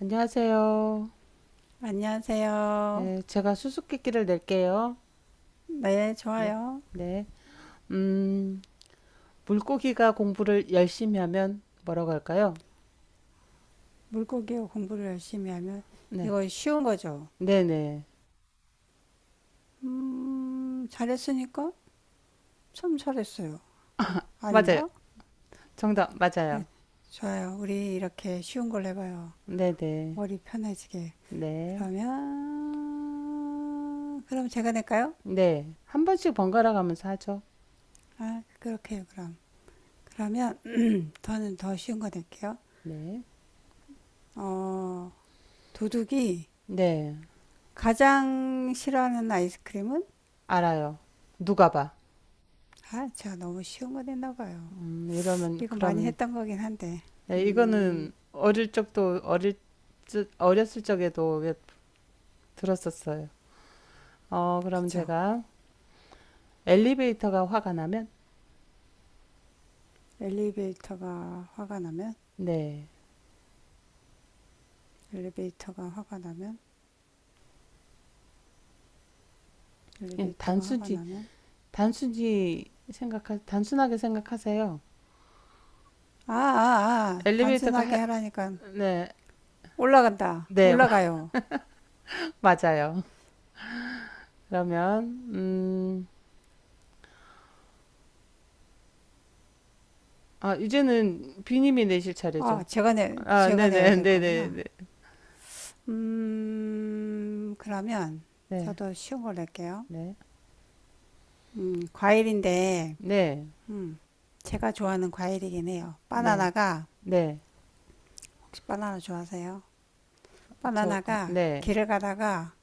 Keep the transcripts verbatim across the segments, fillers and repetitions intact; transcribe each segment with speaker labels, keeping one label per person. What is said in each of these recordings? Speaker 1: 안녕하세요.
Speaker 2: 안녕하세요.
Speaker 1: 네, 제가 수수께끼를 낼게요.
Speaker 2: 네,
Speaker 1: 네,
Speaker 2: 좋아요.
Speaker 1: 네. 음, 물고기가 공부를 열심히 하면 뭐라고 할까요?
Speaker 2: 물고기 공부를 열심히 하면
Speaker 1: 네,
Speaker 2: 이거 쉬운 거죠.
Speaker 1: 네네.
Speaker 2: 음, 잘했으니까 참 잘했어요.
Speaker 1: 맞아요.
Speaker 2: 아닌가?
Speaker 1: 정답,
Speaker 2: 네,
Speaker 1: 맞아요.
Speaker 2: 좋아요. 우리 이렇게 쉬운 걸 해봐요.
Speaker 1: 네네. 네,
Speaker 2: 머리 편해지게.
Speaker 1: 네.
Speaker 2: 그러면 그럼 제가 낼까요?
Speaker 1: 네. 한 번씩 번갈아 가면서 하죠.
Speaker 2: 아, 그렇게요. 그럼 그러면 저는 더 쉬운 거 낼게요.
Speaker 1: 네,
Speaker 2: 어, 도둑이
Speaker 1: 네.
Speaker 2: 가장 싫어하는 아이스크림은?
Speaker 1: 알아요. 누가 봐.
Speaker 2: 아, 제가 너무 쉬운 거 냈나 봐요.
Speaker 1: 음, 이러면,
Speaker 2: 이거 많이
Speaker 1: 그럼,
Speaker 2: 했던 거긴 한데,
Speaker 1: 네, 이거는
Speaker 2: 음,
Speaker 1: 어릴 적도, 어릴, 적- 어렸을 적에도 왜 들었었어요. 어, 그럼
Speaker 2: 그쵸.
Speaker 1: 제가, 엘리베이터가 화가 나면,
Speaker 2: 엘리베이터가 화가 나면,
Speaker 1: 네,
Speaker 2: 엘리베이터가 화가 나면,
Speaker 1: 그냥
Speaker 2: 엘리베이터가 화가
Speaker 1: 단순히
Speaker 2: 나면,
Speaker 1: 단순히 생각하 단순하게 생각하세요.
Speaker 2: 아, 아, 아,
Speaker 1: 엘리베이터가
Speaker 2: 단순하게
Speaker 1: 하,
Speaker 2: 하라니까
Speaker 1: 네,
Speaker 2: 올라간다,
Speaker 1: 네
Speaker 2: 올라가요.
Speaker 1: 맞아요. 그러면 음, 아, 이제는 비님이 내실
Speaker 2: 아,
Speaker 1: 차례죠.
Speaker 2: 제가 내,
Speaker 1: 아,
Speaker 2: 제가 내야
Speaker 1: 네네,
Speaker 2: 될 거구나.
Speaker 1: 네네.
Speaker 2: 음, 그러면 저도 쉬운 걸 낼게요. 음, 과일인데, 음, 제가 좋아하는 과일이긴 해요.
Speaker 1: 네네네네네저네네.
Speaker 2: 바나나가, 혹시 바나나 좋아하세요? 바나나가 길을 가다가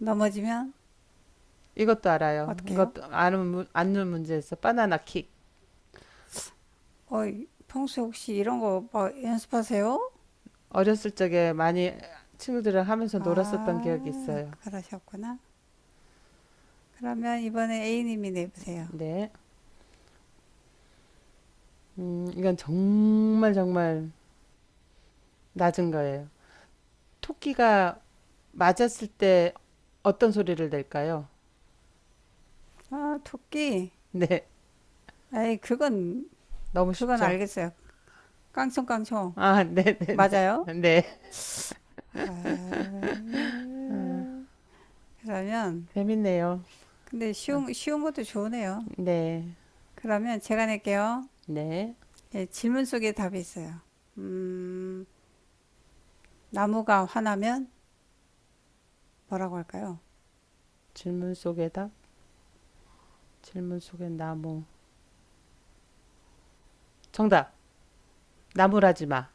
Speaker 2: 넘어지면
Speaker 1: 이것도 알아요.
Speaker 2: 어떻게요?
Speaker 1: 이것도 아는 문- 아는 문제에서 바나나 킥.
Speaker 2: 어, 평소에 혹시 이런 거 뭐 연습하세요?
Speaker 1: 어렸을 적에 많이 친구들이랑 하면서 놀았었던 기억이
Speaker 2: 아,
Speaker 1: 있어요.
Speaker 2: 그러셨구나. 그러면 이번에 A님이 내보세요.
Speaker 1: 네. 음, 이건 정말 정말 낮은 거예요. 토끼가 맞았을 때 어떤 소리를 낼까요?
Speaker 2: 아, 토끼.
Speaker 1: 네,
Speaker 2: 에이, 그건,
Speaker 1: 너무
Speaker 2: 그건
Speaker 1: 쉽죠.
Speaker 2: 알겠어요. 깡총깡총.
Speaker 1: 아, 네네네. 네.
Speaker 2: 맞아요?
Speaker 1: 네. 네.
Speaker 2: 아,
Speaker 1: 아,
Speaker 2: 그러면,
Speaker 1: 재밌네요.
Speaker 2: 근데
Speaker 1: 아,
Speaker 2: 쉬운, 쉬운 것도 좋으네요.
Speaker 1: 네,
Speaker 2: 그러면 제가 낼게요.
Speaker 1: 네.
Speaker 2: 예, 질문 속에 답이 있어요. 음, 나무가 화나면 뭐라고 할까요?
Speaker 1: 질문 속의 답, 질문 속의 나무. 정답, 나무라지 마.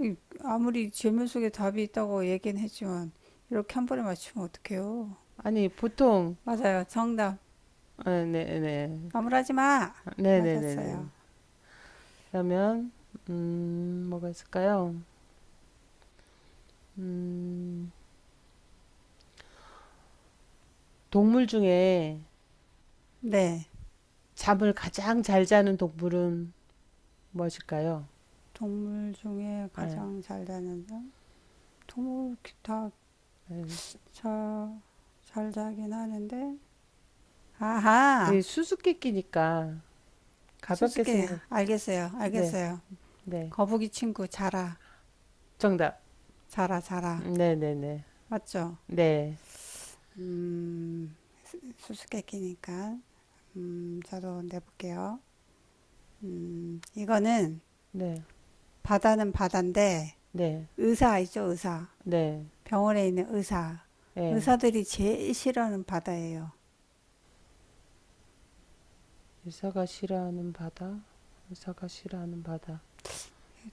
Speaker 2: 이- 아무리 질문 속에 답이 있다고 얘기는 했지만 이렇게 한 번에 맞추면 어떡해요?
Speaker 1: 아니, 보통,
Speaker 2: 맞아요. 정답.
Speaker 1: 아, 네네.
Speaker 2: 나무라지 마. 맞았어요.
Speaker 1: 네네네네. 그러면, 음, 뭐가 있을까요? 음, 동물 중에
Speaker 2: 네.
Speaker 1: 잠을 가장 잘 자는 동물은 무엇일까요?
Speaker 2: 동물 중에
Speaker 1: 아,
Speaker 2: 가장 잘 자는 사람? 동물 다잘 자긴 하는데
Speaker 1: 이
Speaker 2: 아하
Speaker 1: 수수께끼니까 가볍게
Speaker 2: 수수께
Speaker 1: 생각.
Speaker 2: 알겠어요.
Speaker 1: 네,
Speaker 2: 알겠어요.
Speaker 1: 네.
Speaker 2: 거북이 친구 자라
Speaker 1: 정답.
Speaker 2: 자라 자라
Speaker 1: 네, 네, 네.
Speaker 2: 맞죠?
Speaker 1: 네,
Speaker 2: 음 수수께끼니까 음 저도 내볼게요. 음 이거는
Speaker 1: 네,
Speaker 2: 바다는 바다인데
Speaker 1: 네,
Speaker 2: 의사 알죠 의사
Speaker 1: 네.
Speaker 2: 병원에 있는 의사
Speaker 1: 예.
Speaker 2: 의사들이 제일 싫어하는 바다예요.
Speaker 1: 의사가 싫어하는 바다. 의사가 싫어하는 바다.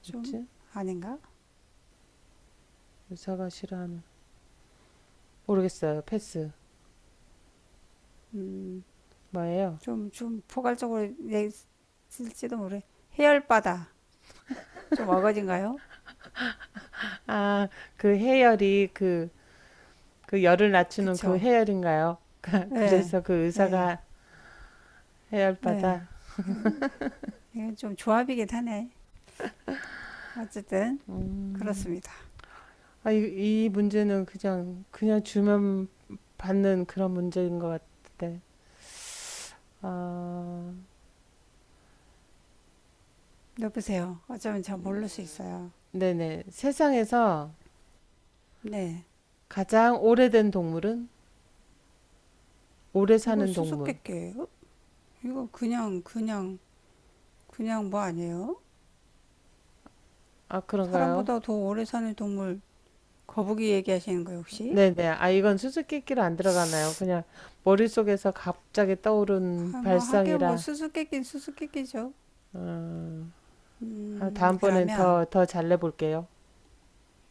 Speaker 2: 좀
Speaker 1: 그치?
Speaker 2: 아닌가?
Speaker 1: 의사가 싫어하는. 모르겠어요. 패스. 뭐예요?
Speaker 2: 음좀좀 포괄적으로 얘기했을지도 모르 해열 바다. 좀 어거진가요?
Speaker 1: 아, 그 해열이, 그, 그 열을 낮추는 그
Speaker 2: 그쵸.
Speaker 1: 해열인가요?
Speaker 2: 네
Speaker 1: 그래서 그
Speaker 2: 네
Speaker 1: 의사가 해열바다.
Speaker 2: 네. 이건 좀 조합이긴 하네. 어쨌든
Speaker 1: 음.
Speaker 2: 그렇습니다.
Speaker 1: 아, 이, 이 문제는 그냥, 그냥 주면 받는 그런 문제인 것 같은데. 아,
Speaker 2: 여보세요, 어쩌면 잘 모를 수 있어요.
Speaker 1: 네네. 세상에서
Speaker 2: 네.
Speaker 1: 가장 오래된 동물은? 오래
Speaker 2: 이거
Speaker 1: 사는 동물.
Speaker 2: 수수께끼예요. 이거 그냥 그냥 그냥 뭐 아니에요.
Speaker 1: 아, 그런가요?
Speaker 2: 사람보다 더 오래 사는 동물. 거북이 얘기하시는 거예요, 혹시?
Speaker 1: 네네. 아, 이건 수수께끼로 안 들어가나요? 그냥 머릿속에서 갑자기 떠오른
Speaker 2: 아, 뭐 하긴 뭐
Speaker 1: 발상이라.
Speaker 2: 수수께끼는 수수께끼죠.
Speaker 1: 아,
Speaker 2: 음,
Speaker 1: 다음번엔
Speaker 2: 그러면
Speaker 1: 더, 더 잘 내볼게요.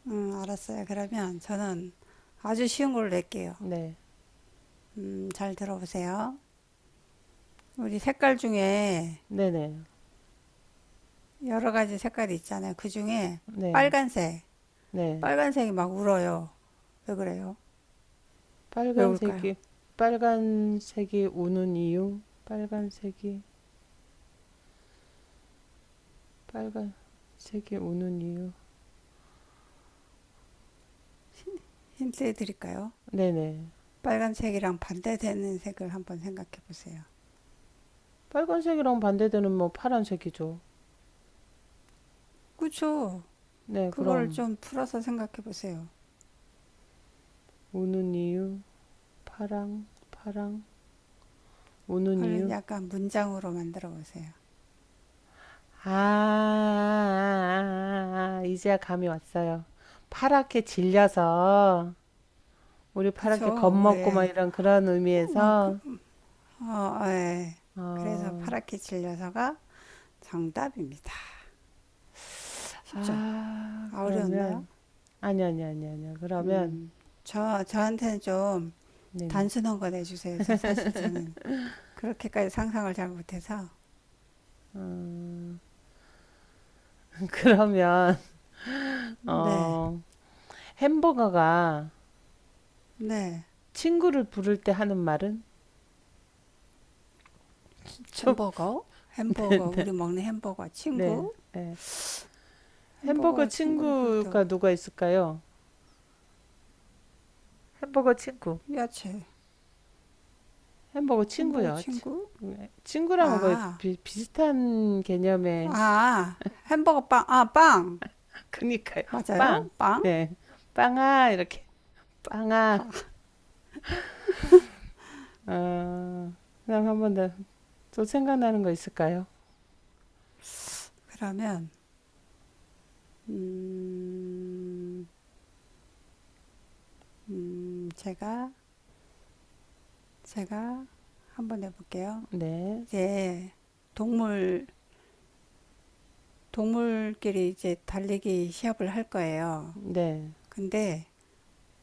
Speaker 2: 음, 알았어요. 그러면 저는 아주 쉬운 걸로 낼게요.
Speaker 1: 네.
Speaker 2: 음, 잘 들어보세요. 우리 색깔 중에
Speaker 1: 네네.
Speaker 2: 여러 가지 색깔이 있잖아요. 그 중에
Speaker 1: 네.
Speaker 2: 빨간색,
Speaker 1: 네.
Speaker 2: 빨간색이 막 울어요. 왜 그래요? 왜 울까요?
Speaker 1: 빨간색이, 빨간색이 우는 이유? 빨간색이. 빨간색이 우는 이유.
Speaker 2: 힌트 드릴까요?
Speaker 1: 네네.
Speaker 2: 빨간색이랑 반대되는 색을 한번 생각해 보세요.
Speaker 1: 빨간색이랑 반대되는, 뭐 파란색이죠.
Speaker 2: 그쵸?
Speaker 1: 네,
Speaker 2: 그거를
Speaker 1: 그럼
Speaker 2: 좀 풀어서 생각해 보세요.
Speaker 1: 우는 이유. 파랑, 파랑 우는
Speaker 2: 그걸
Speaker 1: 이유.
Speaker 2: 약간 문장으로 만들어 보세요.
Speaker 1: 아, 아, 아, 아, 이제야 감이 왔어요. 파랗게 질려서. 우리 파랗게
Speaker 2: 그쵸?
Speaker 1: 겁먹고 막
Speaker 2: 우리
Speaker 1: 이런 그런
Speaker 2: 어, 그,
Speaker 1: 의미에서.
Speaker 2: 어, 어, 예. 그래서
Speaker 1: 어,
Speaker 2: 파랗게 질려서가 정답입니다. 쉽죠?
Speaker 1: 아,
Speaker 2: 아, 어려웠나요?
Speaker 1: 그러면 아니, 아니, 아니, 아니, 그러면
Speaker 2: 음, 저 저한테는 좀
Speaker 1: 네네. 음,
Speaker 2: 단순한 거 내주세요. 저 사실 저는 그렇게까지 상상을 잘 못해서.
Speaker 1: 그러면
Speaker 2: 네,
Speaker 1: 어, 햄버거가
Speaker 2: 네.
Speaker 1: 친구를 부를 때 하는 말은 좀,
Speaker 2: 햄버거, 햄버거 우리 먹는 햄버거
Speaker 1: 네.
Speaker 2: 친구,
Speaker 1: 예. 햄버거
Speaker 2: 햄버거 친구를 부를 때.
Speaker 1: 친구가 누가 있을까요? 햄버거 친구.
Speaker 2: 야채,
Speaker 1: 햄버거
Speaker 2: 햄버거
Speaker 1: 친구요.
Speaker 2: 친구,
Speaker 1: 네. 친구랑 거의
Speaker 2: 아,
Speaker 1: 비, 비슷한 개념의,
Speaker 2: 아, 햄버거 빵, 아, 빵,
Speaker 1: 그니까요.
Speaker 2: 맞아요?
Speaker 1: 빵.
Speaker 2: 빵?
Speaker 1: 네. 빵아, 이렇게. 빵아. 어, 그 다음 한 번 더. 또 생각나는 거 있을까요?
Speaker 2: 그러면 음, 음, 제가 제가 한번 해볼게요.
Speaker 1: 네.
Speaker 2: 이제 동물 동물끼리 이제 달리기 시합을 할 거예요.
Speaker 1: 네.
Speaker 2: 근데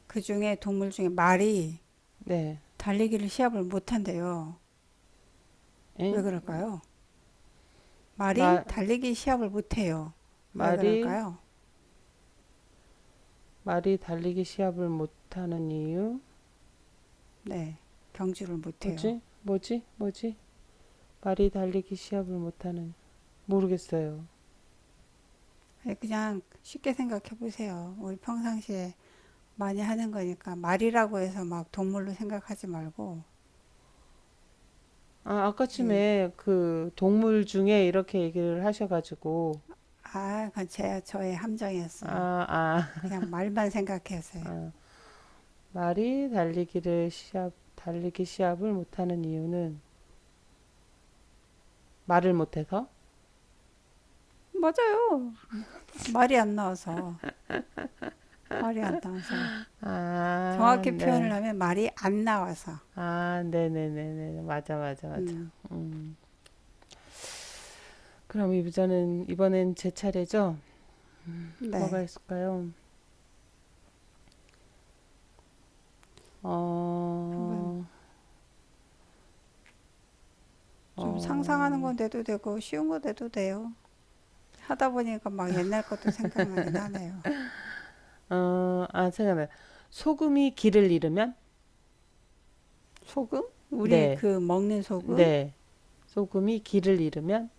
Speaker 2: 그 중에 동물 중에 말이
Speaker 1: 네.
Speaker 2: 달리기를 시합을 못 한대요. 왜
Speaker 1: 엥?
Speaker 2: 그럴까요? 말이
Speaker 1: 마,
Speaker 2: 달리기 시합을 못 해요. 왜
Speaker 1: 말이,
Speaker 2: 그럴까요?
Speaker 1: 말이 달리기 시합을 못하는 이유?
Speaker 2: 네, 경주를 못 해요.
Speaker 1: 뭐지? 뭐지? 뭐지? 말이 달리기 시합을 못하는, 모르겠어요.
Speaker 2: 그냥 쉽게 생각해 보세요. 우리 평상시에 많이 하는 거니까 말이라고 해서 막 동물로 생각하지 말고.
Speaker 1: 아,
Speaker 2: 이게
Speaker 1: 아까쯤에 그 동물 중에 이렇게 얘기를 하셔가지고.
Speaker 2: 아, 그건 제 저의 함정이었어요.
Speaker 1: 아아, 아,
Speaker 2: 그냥 말만 생각했어요.
Speaker 1: 아, 말이 달리기를 시합 달리기 시합을 못하는 이유는 말을 못해서.
Speaker 2: 맞아요. 말이 안 나와서, 말이 안 나와서, 정확히 표현을
Speaker 1: 아네아.
Speaker 2: 하면 말이 안 나와서.
Speaker 1: 네네네네. 맞아, 맞아, 맞아.
Speaker 2: 음,
Speaker 1: 음 그럼 이부자는 이번엔 제 차례죠. 뭐가
Speaker 2: 네.
Speaker 1: 있을까요? 어
Speaker 2: 한번 좀 상상하는
Speaker 1: 어...
Speaker 2: 건 돼도 되고 쉬운 거 돼도 돼요. 하다 보니까 막 옛날 것도 생각나긴 하네요.
Speaker 1: 어, 아, 생각나. 소금이 길을 잃으면?
Speaker 2: 소금? 우리
Speaker 1: 네,
Speaker 2: 그 먹는 소금?
Speaker 1: 네. 소금이 길을 잃으면?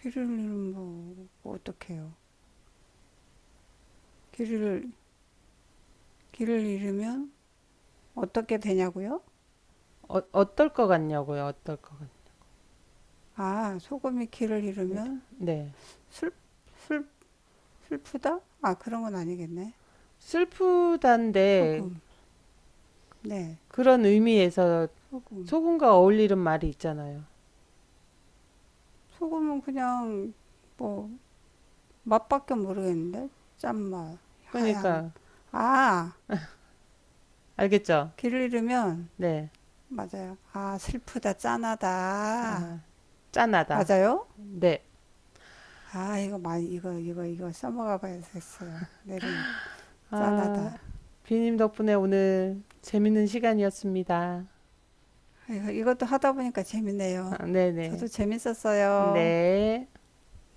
Speaker 2: 길을 잃으면 뭐 어떡해요? 길을 길을 잃으면 어떻게 되냐고요?
Speaker 1: 어, 어떨 것 같냐고요, 어떨 것 같...
Speaker 2: 아, 소금이 길을 잃으면
Speaker 1: 네.
Speaker 2: 슬, 슬, 슬프다? 아, 그런 건 아니겠네.
Speaker 1: 슬프단데,
Speaker 2: 소금. 네,
Speaker 1: 그런 의미에서
Speaker 2: 소금.
Speaker 1: 소금과 어울리는 말이 있잖아요.
Speaker 2: 소금은 그냥 뭐 맛밖에 모르겠는데? 짠맛, 하얀.
Speaker 1: 그러니까,
Speaker 2: 아,
Speaker 1: 알겠죠?
Speaker 2: 길을 잃으면.
Speaker 1: 네.
Speaker 2: 맞아요. 아, 슬프다, 짠하다.
Speaker 1: 짠하다.
Speaker 2: 맞아요?
Speaker 1: 네.
Speaker 2: 아, 이거 많이 이거 이거 이거 써먹어 봐야겠어요. 내일은
Speaker 1: 아,
Speaker 2: 짠하다.
Speaker 1: 비님 덕분에 오늘 재밌는 시간이었습니다.
Speaker 2: 이거, 이것도 하다 보니까 재밌네요.
Speaker 1: 아, 네네.
Speaker 2: 저도 재밌었어요.
Speaker 1: 네.